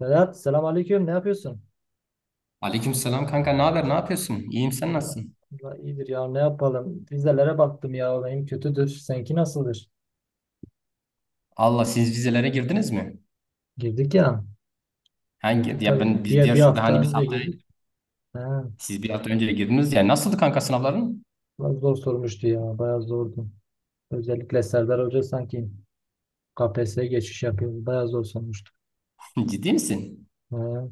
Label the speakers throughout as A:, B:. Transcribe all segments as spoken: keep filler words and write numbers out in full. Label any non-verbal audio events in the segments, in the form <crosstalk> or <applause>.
A: Berat, selamünaleyküm. Ne yapıyorsun?
B: Aleykümselam kanka, ne haber, ne yapıyorsun? İyiyim, sen
A: Allah,
B: nasılsın?
A: Allah iyidir ya. Ne yapalım? Vizelere baktım ya. Benim kötüdür. Seninki nasıldır?
B: Allah, siz vizelere girdiniz mi?
A: Girdik ya.
B: Hangi
A: Girdik
B: ya, ben
A: tabii.
B: biz
A: Bir,
B: diğer
A: bir
B: şube
A: hafta
B: hani biz
A: önce
B: haftaya
A: girdik. He,
B: siz bir hafta önce de girdiniz ya, nasıldı kanka sınavların?
A: biraz zor sormuştu ya. Bayağı zordu. Özellikle Serdar Hoca sanki K P S S'ye geçiş yapıyor. Bayağı zor sormuştu.
B: <laughs> Ciddi misin?
A: He,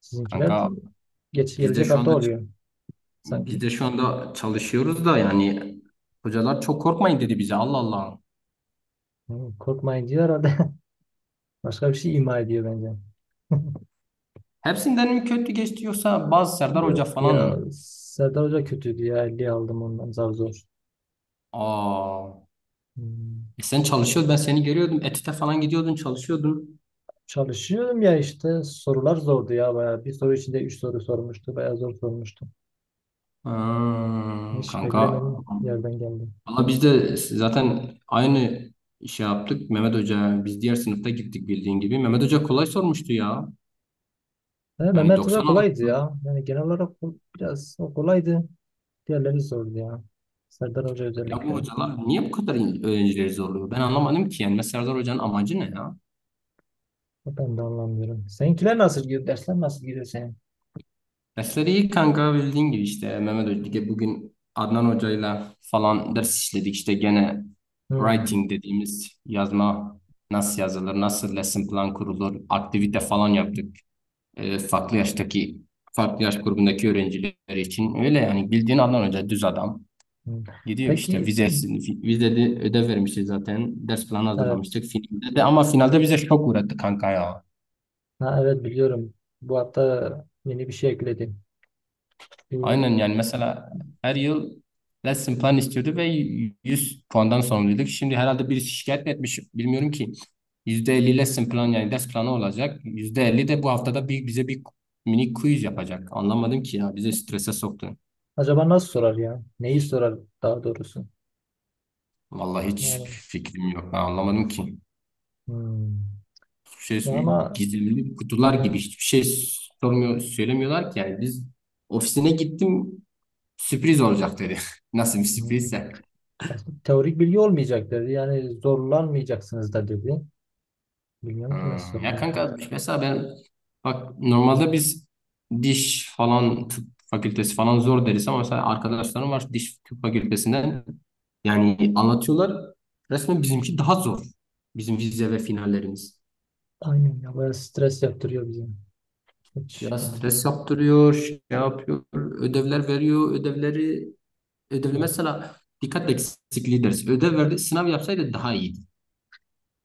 A: sizinkiler
B: Kanka
A: geç,
B: biz de
A: gelecek
B: şu
A: hafta
B: anda
A: oluyor
B: biz
A: sanki.
B: de şu anda çalışıyoruz da, yani hocalar çok korkmayın dedi bize. Allah Allah.
A: He, korkmayın diyor herhalde. <laughs> Başka bir şey ima ediyor bence.
B: Hepsinden mi kötü geçti, yoksa bazı
A: <laughs>
B: Serdar
A: Yok
B: Hoca falan
A: ya
B: mı?
A: Serdar Hoca kötüydü ya elli aldım ondan zar zor.
B: Aa,
A: Hmm.
B: e sen çalışıyordun, ben seni görüyordum. ETÜ'de falan gidiyordun, çalışıyordun.
A: Çalışıyorum ya işte sorular zordu ya bayağı. Bir soru içinde üç soru sormuştu. Bayağı zor sormuştu.
B: Ha,
A: Hiç
B: kanka,
A: beklemedim yerden geldim.
B: valla biz de zaten aynı işi yaptık Mehmet Hoca. Biz diğer sınıfta gittik bildiğin gibi. Mehmet Hoca kolay sormuştu ya.
A: E,
B: Yani
A: Mehmet Hoca
B: doksan
A: kolaydı
B: aldım.
A: ya. Yani genel olarak o- biraz o kolaydı. Diğerleri zordu ya. Serdar Hoca
B: Ya bu
A: özellikle.
B: hocalar niye bu kadar in- öğrencileri zorluyor? Ben anlamadım ki. Yani mesela Serdar Hoca'nın amacı ne ya?
A: O Ben de anlamıyorum. Seninkiler nasıl gidiyor? Dersler nasıl gidiyor senin?
B: Dersleri iyi kanka, bildiğin gibi işte Mehmet Hoca. Bugün Adnan Hoca'yla falan ders işledik. İşte gene
A: Hmm.
B: writing dediğimiz yazma, nasıl yazılır, nasıl lesson plan kurulur, aktivite falan yaptık. E, farklı yaştaki farklı yaş grubundaki öğrenciler için, öyle yani. Bildiğin adam önce düz adam
A: Hmm.
B: gidiyor işte.
A: Peki,
B: Vizesini fi- vizede ödev vermişiz zaten, ders planı
A: evet.
B: hazırlamıştık finalde de, ama finalde bize şok uğrattı kanka ya.
A: Ha, evet, biliyorum. Bu hafta yeni bir şey ekledim.
B: Aynen,
A: Bu
B: yani mesela her yıl lesson plan istiyordu ve yüz puandan sorumluyduk. Şimdi herhalde birisi şikayet mi etmiş bilmiyorum ki, yüzde elli lesson plan yani ders planı olacak, yüzde elli de bu haftada bir, bize bir mini quiz yapacak. Anlamadım ki ya, bize strese soktu.
A: Acaba nasıl sorar ya? Neyi sorar daha doğrusu?
B: Vallahi hiç
A: Yani,
B: fikrim yok. Ben anlamadım ki.
A: hmm.
B: Şey,
A: Ama
B: gizemli kutular gibi hiçbir şey sormuyor, söylemiyorlar ki. Yani biz, ofisine gittim, sürpriz olacak dedi. <laughs> Nasıl bir
A: hmm,
B: sürprizse.
A: aslında teorik bilgi olmayacak dedi. Yani zorlanmayacaksınız da dedi. Bilmiyorum
B: Ha,
A: ki nasıl
B: ya
A: soracaklar.
B: kanka mesela ben, bak normalde biz diş falan, tıp fakültesi falan zor deriz ama mesela arkadaşlarım var diş tıp fakültesinden, yani anlatıyorlar, resmen bizimki daha zor. Bizim vize ve finallerimiz.
A: Aynen ya, bayağı stres yaptırıyor bizi. Hiç,
B: Ya
A: hmm,
B: stres yaptırıyor, şey yapıyor, ödevler veriyor, ödevleri, ödevli
A: evet.
B: mesela dikkat eksikliği dersi. Ödev verdi, sınav yapsaydı daha iyiydi.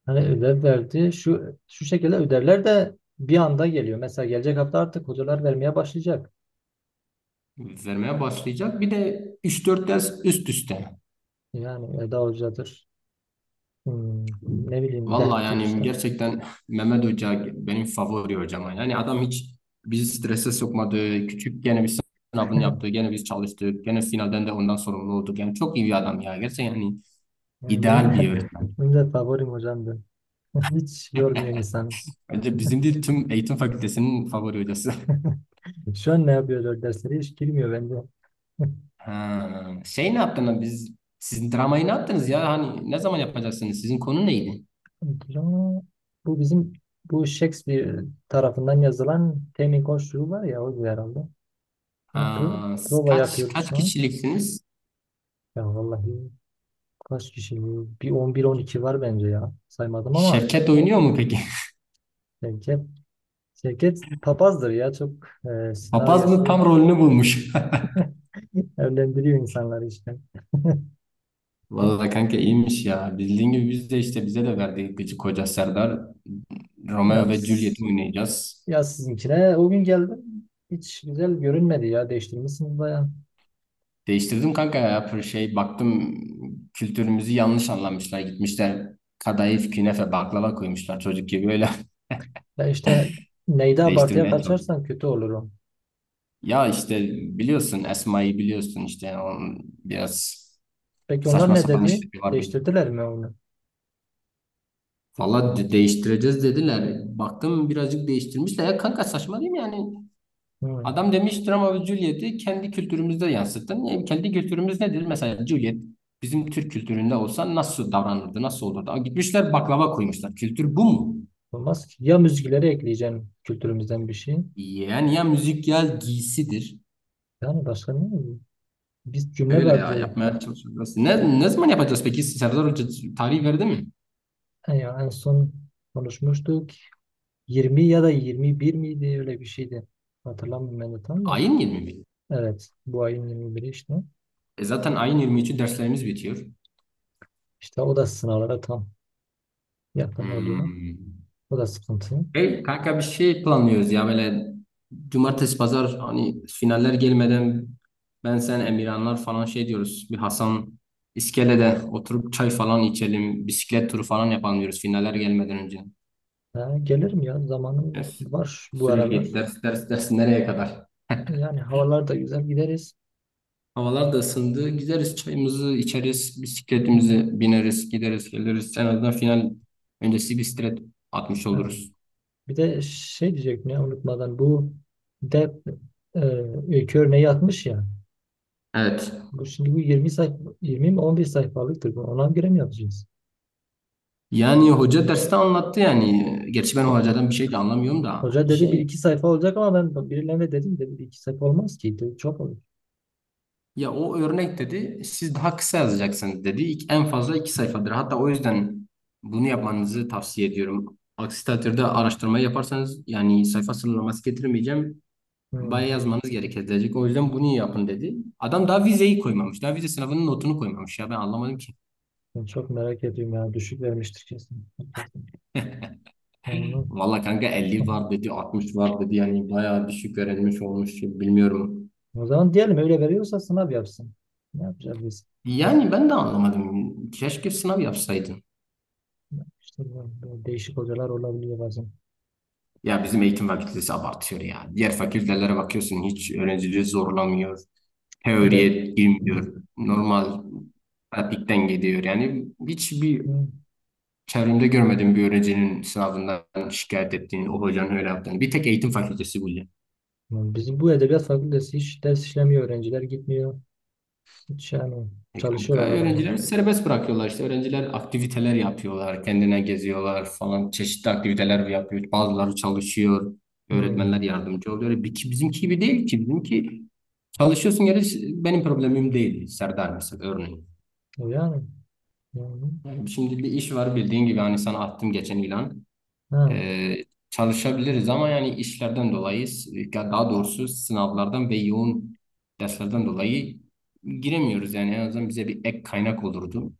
A: Hani ödev verdi. Şu şu şekilde ödevler de bir anda geliyor. Mesela gelecek hafta artık hocalar vermeye başlayacak.
B: Vermeye başlayacak. Bir de üç dört ders üst üste.
A: Yani Eda Hoca'dır. Hmm, Ne bileyim,
B: Vallahi
A: Dehp'tir
B: yani
A: işte.
B: gerçekten Mehmet Hoca benim favori hocam. Yani adam hiç bizi strese sokmadı. Küçük gene bir sınavını yaptı, gene biz çalıştık, gene finalden de ondan sorumlu olduk. Yani çok iyi bir adam ya. Gerçekten yani,
A: Yani benim
B: ideal
A: de,
B: bir
A: <laughs>
B: öğretmen.
A: benim de favorim hocamdı. <laughs> Hiç yormuyor insan.
B: Bence bizim değil, tüm eğitim fakültesinin favori hocası.
A: Şu an ne yapıyorlar, dersleri hiç girmiyor bence. <laughs>
B: Ha, şey, ne yaptınız, biz sizin dramayı ne yaptınız ya, hani ne zaman yapacaksınız, sizin konu neydi?
A: Hocam, Bu bizim bu Shakespeare tarafından yazılan Temin Koşulu var ya, o da herhalde. Yani pro-
B: Ha, s-
A: prova
B: kaç
A: yapıyoruz
B: kaç
A: şu an.
B: kişiliksiniz?
A: Ya vallahi, kaç kişi? Bir on bir on iki var bence ya. Saymadım ama
B: Şevket oynuyor mu peki?
A: Şevket, Şevket papazdır ya, çok e,
B: <laughs> Papaz
A: senaryosu
B: mı,
A: yok.
B: tam rolünü bulmuş.
A: Evlendiriyor insanları işte.
B: <laughs> Vallahi kanka iyiymiş ya. Bildiğin gibi biz de işte, bize de verdiği gıcık koca Serdar, Romeo ve
A: Yaz,
B: Juliet'i oynayacağız.
A: yaz sizinkine. O gün geldim. Hiç güzel görünmedi ya. Değiştirmişsiniz bayağı.
B: Değiştirdim kanka ya, bir şey baktım, kültürümüzü yanlış anlamışlar, gitmişler kadayıf, künefe, baklava koymuşlar çocuk gibi öyle.
A: Ya işte, neyde
B: <laughs>
A: abartıya
B: Değiştirmeye,
A: kaçarsan kötü olur o.
B: ya işte biliyorsun Esma'yı, biliyorsun işte onun biraz
A: Peki onlar
B: saçma
A: ne
B: sapan
A: dedi?
B: işleri var benim.
A: Değiştirdiler mi onu?
B: Valla de- değiştireceğiz dediler. Baktım birazcık değiştirmişler. Ya kanka saçma değil mi yani?
A: Hı.
B: Adam demiş drama ve Juliet'i kendi kültürümüzde yansıttın. E, kendi kültürümüz nedir? Mesela Juliet bizim Türk kültüründe olsa nasıl davranırdı, nasıl olurdu? Aa, gitmişler baklava koymuşlar. Kültür bu mu?
A: Olmaz ki. Ya müzikleri ekleyeceğim kültürümüzden bir şey.
B: Yani ya müzik, ya giysidir.
A: Yani başka ne olur? Bir cümle
B: Öyle ya,
A: vardı.
B: yapmaya çalışıyoruz. Ne, ne zaman yapacağız peki? Serdar Hoca tarih verdi mi?
A: En, ya en son konuşmuştuk. yirmi ya da yirmi bir miydi? Öyle bir şeydi. Hatırlamıyorum ben de tam da.
B: Ayin yirmi mi?
A: Evet. Bu ayın yirmi biri işte.
B: E zaten ayın yirmi üçü derslerimiz bitiyor.
A: İşte o da sınavlara tam yakın oluyor.
B: Hmm.
A: O da sıkıntı.
B: Hey kanka bir şey planlıyoruz ya, böyle cumartesi pazar hani finaller gelmeden, ben, sen, Emirhanlar falan şey diyoruz. Bir Hasan iskelede oturup çay falan içelim, bisiklet turu falan yapalım diyoruz finaller gelmeden önce.
A: Ha, gelirim ya.
B: Ya
A: Zamanım
B: sü-
A: var bu
B: sürekli
A: aralar.
B: ders ders ders, nereye kadar?
A: Yani havalar da güzel. Gideriz.
B: Havalar da ısındı. Gideriz, çayımızı içeriz.
A: Hmm,
B: Bisikletimizi bineriz, gideriz geliriz. En azından final öncesi bir stres atmış
A: ha.
B: oluruz.
A: Bir de şey diyecektim ya, unutmadan. Bu dep e, Öykü örneği atmış ya.
B: Evet.
A: Bu şimdi bu yirmi sayfa yirmi mi on bir sayfalıktır. Bu ona göre mi yapacağız?
B: Yani hoca derste anlattı yani. Gerçi ben
A: Ho-
B: hocadan bir şey de anlamıyorum da.
A: Hoca dedi bir
B: Şey,
A: iki sayfa olacak, ama ben birilerine dedim, dedi bir iki sayfa olmaz ki. Dedi, çok olur.
B: ya o örnek dedi, siz daha kısa yazacaksınız dedi. İk- En fazla iki
A: Hmm,
B: sayfadır. Hatta o yüzden bunu yapmanızı tavsiye ediyorum. Aksi takdirde araştırmayı yaparsanız yani, sayfa sınırlaması getirmeyeceğim.
A: hmm.
B: Bayağı yazmanız gerekecek. O yüzden bunu yapın dedi. Adam daha vizeyi koymamış. Daha vize sınavının notunu koymamış ya, ben anlamadım ki.
A: Ben çok merak ediyorum ya. Düşük vermiştir kesin. Hakikaten. Ya onu
B: Valla kanka elli
A: Hı.
B: var dedi, altmış var dedi. Yani bayağı düşük öğrenmiş olmuş. Bilmiyorum.
A: O zaman diyelim, öyle veriyorsa sınav yapsın. Ne yapacağız biz?
B: Yani ben de anlamadım. Keşke sınav yapsaydın.
A: İşte bu- bu değişik hocalar olabiliyor bazen.
B: Ya bizim eğitim fakültesi abartıyor ya. Diğer fakültelere bakıyorsun, hiç öğrencileri zorlamıyor.
A: Ya da
B: Teoriye girmiyor. Normal pratikten gidiyor. Yani hiçbir
A: Hı.
B: çevremde görmedim bir öğrencinin sınavından şikayet ettiğini, o hocanın öyle yaptığını. Bir tek eğitim fakültesi bu.
A: Bizim bu edebiyat fakültesi hiç ders işlemiyor. Öğrenciler gitmiyor. Hiç yani,
B: E kanka
A: çalışıyorlar
B: öğrencileri
A: adamlar.
B: serbest bırakıyorlar işte. Öğrenciler aktiviteler yapıyorlar. Kendine geziyorlar falan. Çeşitli aktiviteler yapıyor. Bazıları çalışıyor.
A: Hı.
B: Öğretmenler yardımcı oluyor. Bir- ki- Bizimki gibi değil ki. Bizimki çalışıyorsun yani, benim problemim değil. Serdar mesela örneğin.
A: O yani. Yani.
B: Yani şimdi bir iş var bildiğin gibi, hani sana attım geçen ilan.
A: Ha.
B: Ee, çalışabiliriz ama yani işlerden dolayı, ya daha doğrusu sınavlardan ve yoğun derslerden dolayı giremiyoruz. Yani en azından bize bir ek kaynak olurdu,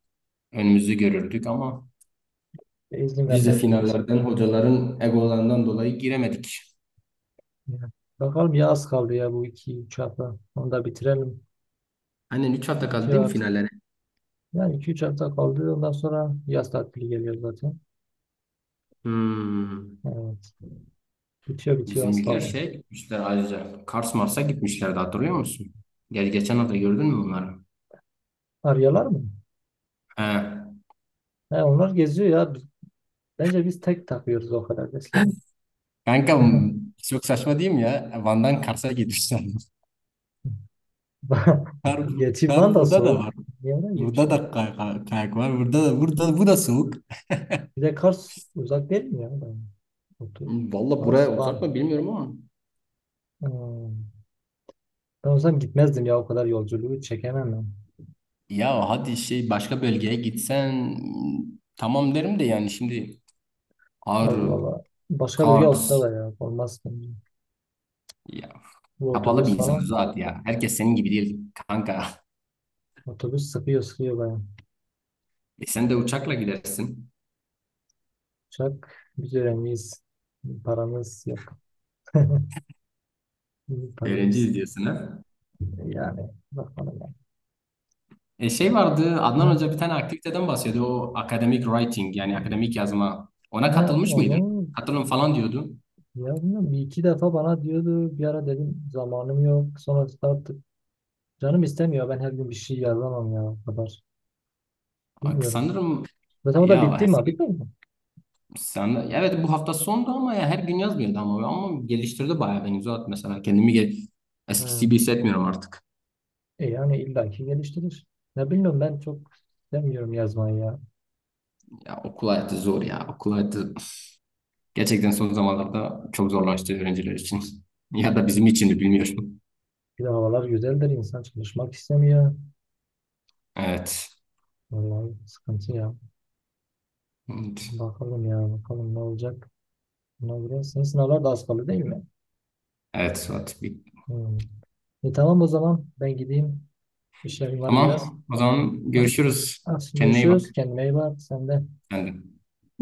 B: önümüzü görürdük ama
A: İzin
B: vize
A: vermezler biz.
B: finallerden, hocaların egolarından dolayı giremedik.
A: Ya. Bakalım ya, az kaldı ya, bu iki üç hafta. Onu da bitirelim.
B: Aynen, üç hafta kaldı değil
A: Bitiyor
B: mi
A: artık.
B: finallere?
A: Yani iki üç hafta kaldı. Ondan sonra yaz tatili geliyor zaten.
B: Hmm.
A: Evet. Bitiyor, bitiyor, az
B: Bizimkiler
A: kaldı.
B: şey gitmişler ayrıca. Kars Mars'a gitmişlerdi hatırlıyor musun? Gel geçen hafta gördün mü bunları?
A: Arıyorlar mı?
B: He.
A: He, onlar geziyor ya. Bence biz tek takıyoruz o kadar besleri.
B: Kanka çok saçma değil mi ya? Van'dan Kars'a gitmişler. <laughs> Kar,
A: <laughs> Gerçi
B: kar
A: Van da
B: burada da
A: soğuk.
B: var.
A: Niye oraya
B: Burada
A: gitmişler?
B: da kay- kay- kayak var. Burada da, burada bu da soğuk.
A: Bir de Kars uzak değil mi ya? Ben- Otur.
B: Valla
A: Kars,
B: buraya uzak
A: Van.
B: mı bilmiyorum ama,
A: Hmm. Ben olsam gitmezdim ya, o kadar yolculuğu çekemem ben.
B: ya hadi şey başka bölgeye gitsen, mm, tamam derim de yani şimdi
A: Ya
B: Ağrı,
A: valla, başka biri olsa
B: Kars
A: da ya olmaz bence.
B: ya,
A: Bu
B: kapalı bir
A: otobüs
B: insan
A: falan.
B: zaten ya. Herkes senin gibi değil kanka. <laughs>
A: Otobüs sıkıyor, sıkıyor bayağı.
B: E sen de uçakla gidersin.
A: Uçak, biz öğrenciyiz. Paramız yok. <laughs> Paramız
B: Öğrenciyiz diyorsun, ha.
A: Yani bakalım ya.
B: E şey vardı, Adnan Hoca bir
A: Ha?
B: tane aktiviteden bahsediyordu. O academic writing yani akademik yazma. Ona
A: Ha,
B: katılmış
A: onu
B: mıydın? Katılın falan diyordu.
A: Ya bilmiyorum, bir iki defa bana diyordu, bir ara dedim zamanım yok, sonra artık canım istemiyor, ben her gün bir şey yazamam ya, o kadar bilmiyorum.
B: Sanırım
A: Zaten o da
B: ya,
A: bitti mi? Bitmedi mi?
B: sen de, evet bu hafta sondu ama ya her gün yazmıyordu, ama ama geliştirdi bayağı beni Zuhat, mesela kendimi gel eskisi
A: Ha.
B: gibi hissetmiyorum artık.
A: E yani, illaki geliştirir. Ne bilmiyorum, ben çok istemiyorum yazmayı ya.
B: Ya okul hayatı zor ya, okul hayatı gerçekten son zamanlarda çok zorlaştı öğrenciler için. <laughs> Ya da bizim için de bilmiyorum.
A: Bir de havalar güzeldir, insan çalışmak istemiyor.
B: Evet.
A: Vallahi sıkıntı ya.
B: Evet,
A: Bakalım ya, bakalım ne olacak. Buna göre senin sınavlar da az kaldı değil mi?
B: evet Zuhat.
A: Hmm. E tamam, o zaman ben gideyim, işlerim var biraz.
B: Tamam, o zaman
A: Tamam.
B: görüşürüz.
A: Hadi
B: Kendine iyi bak.
A: görüşürüz. Kendine iyi bak. Sen de.
B: Sen de.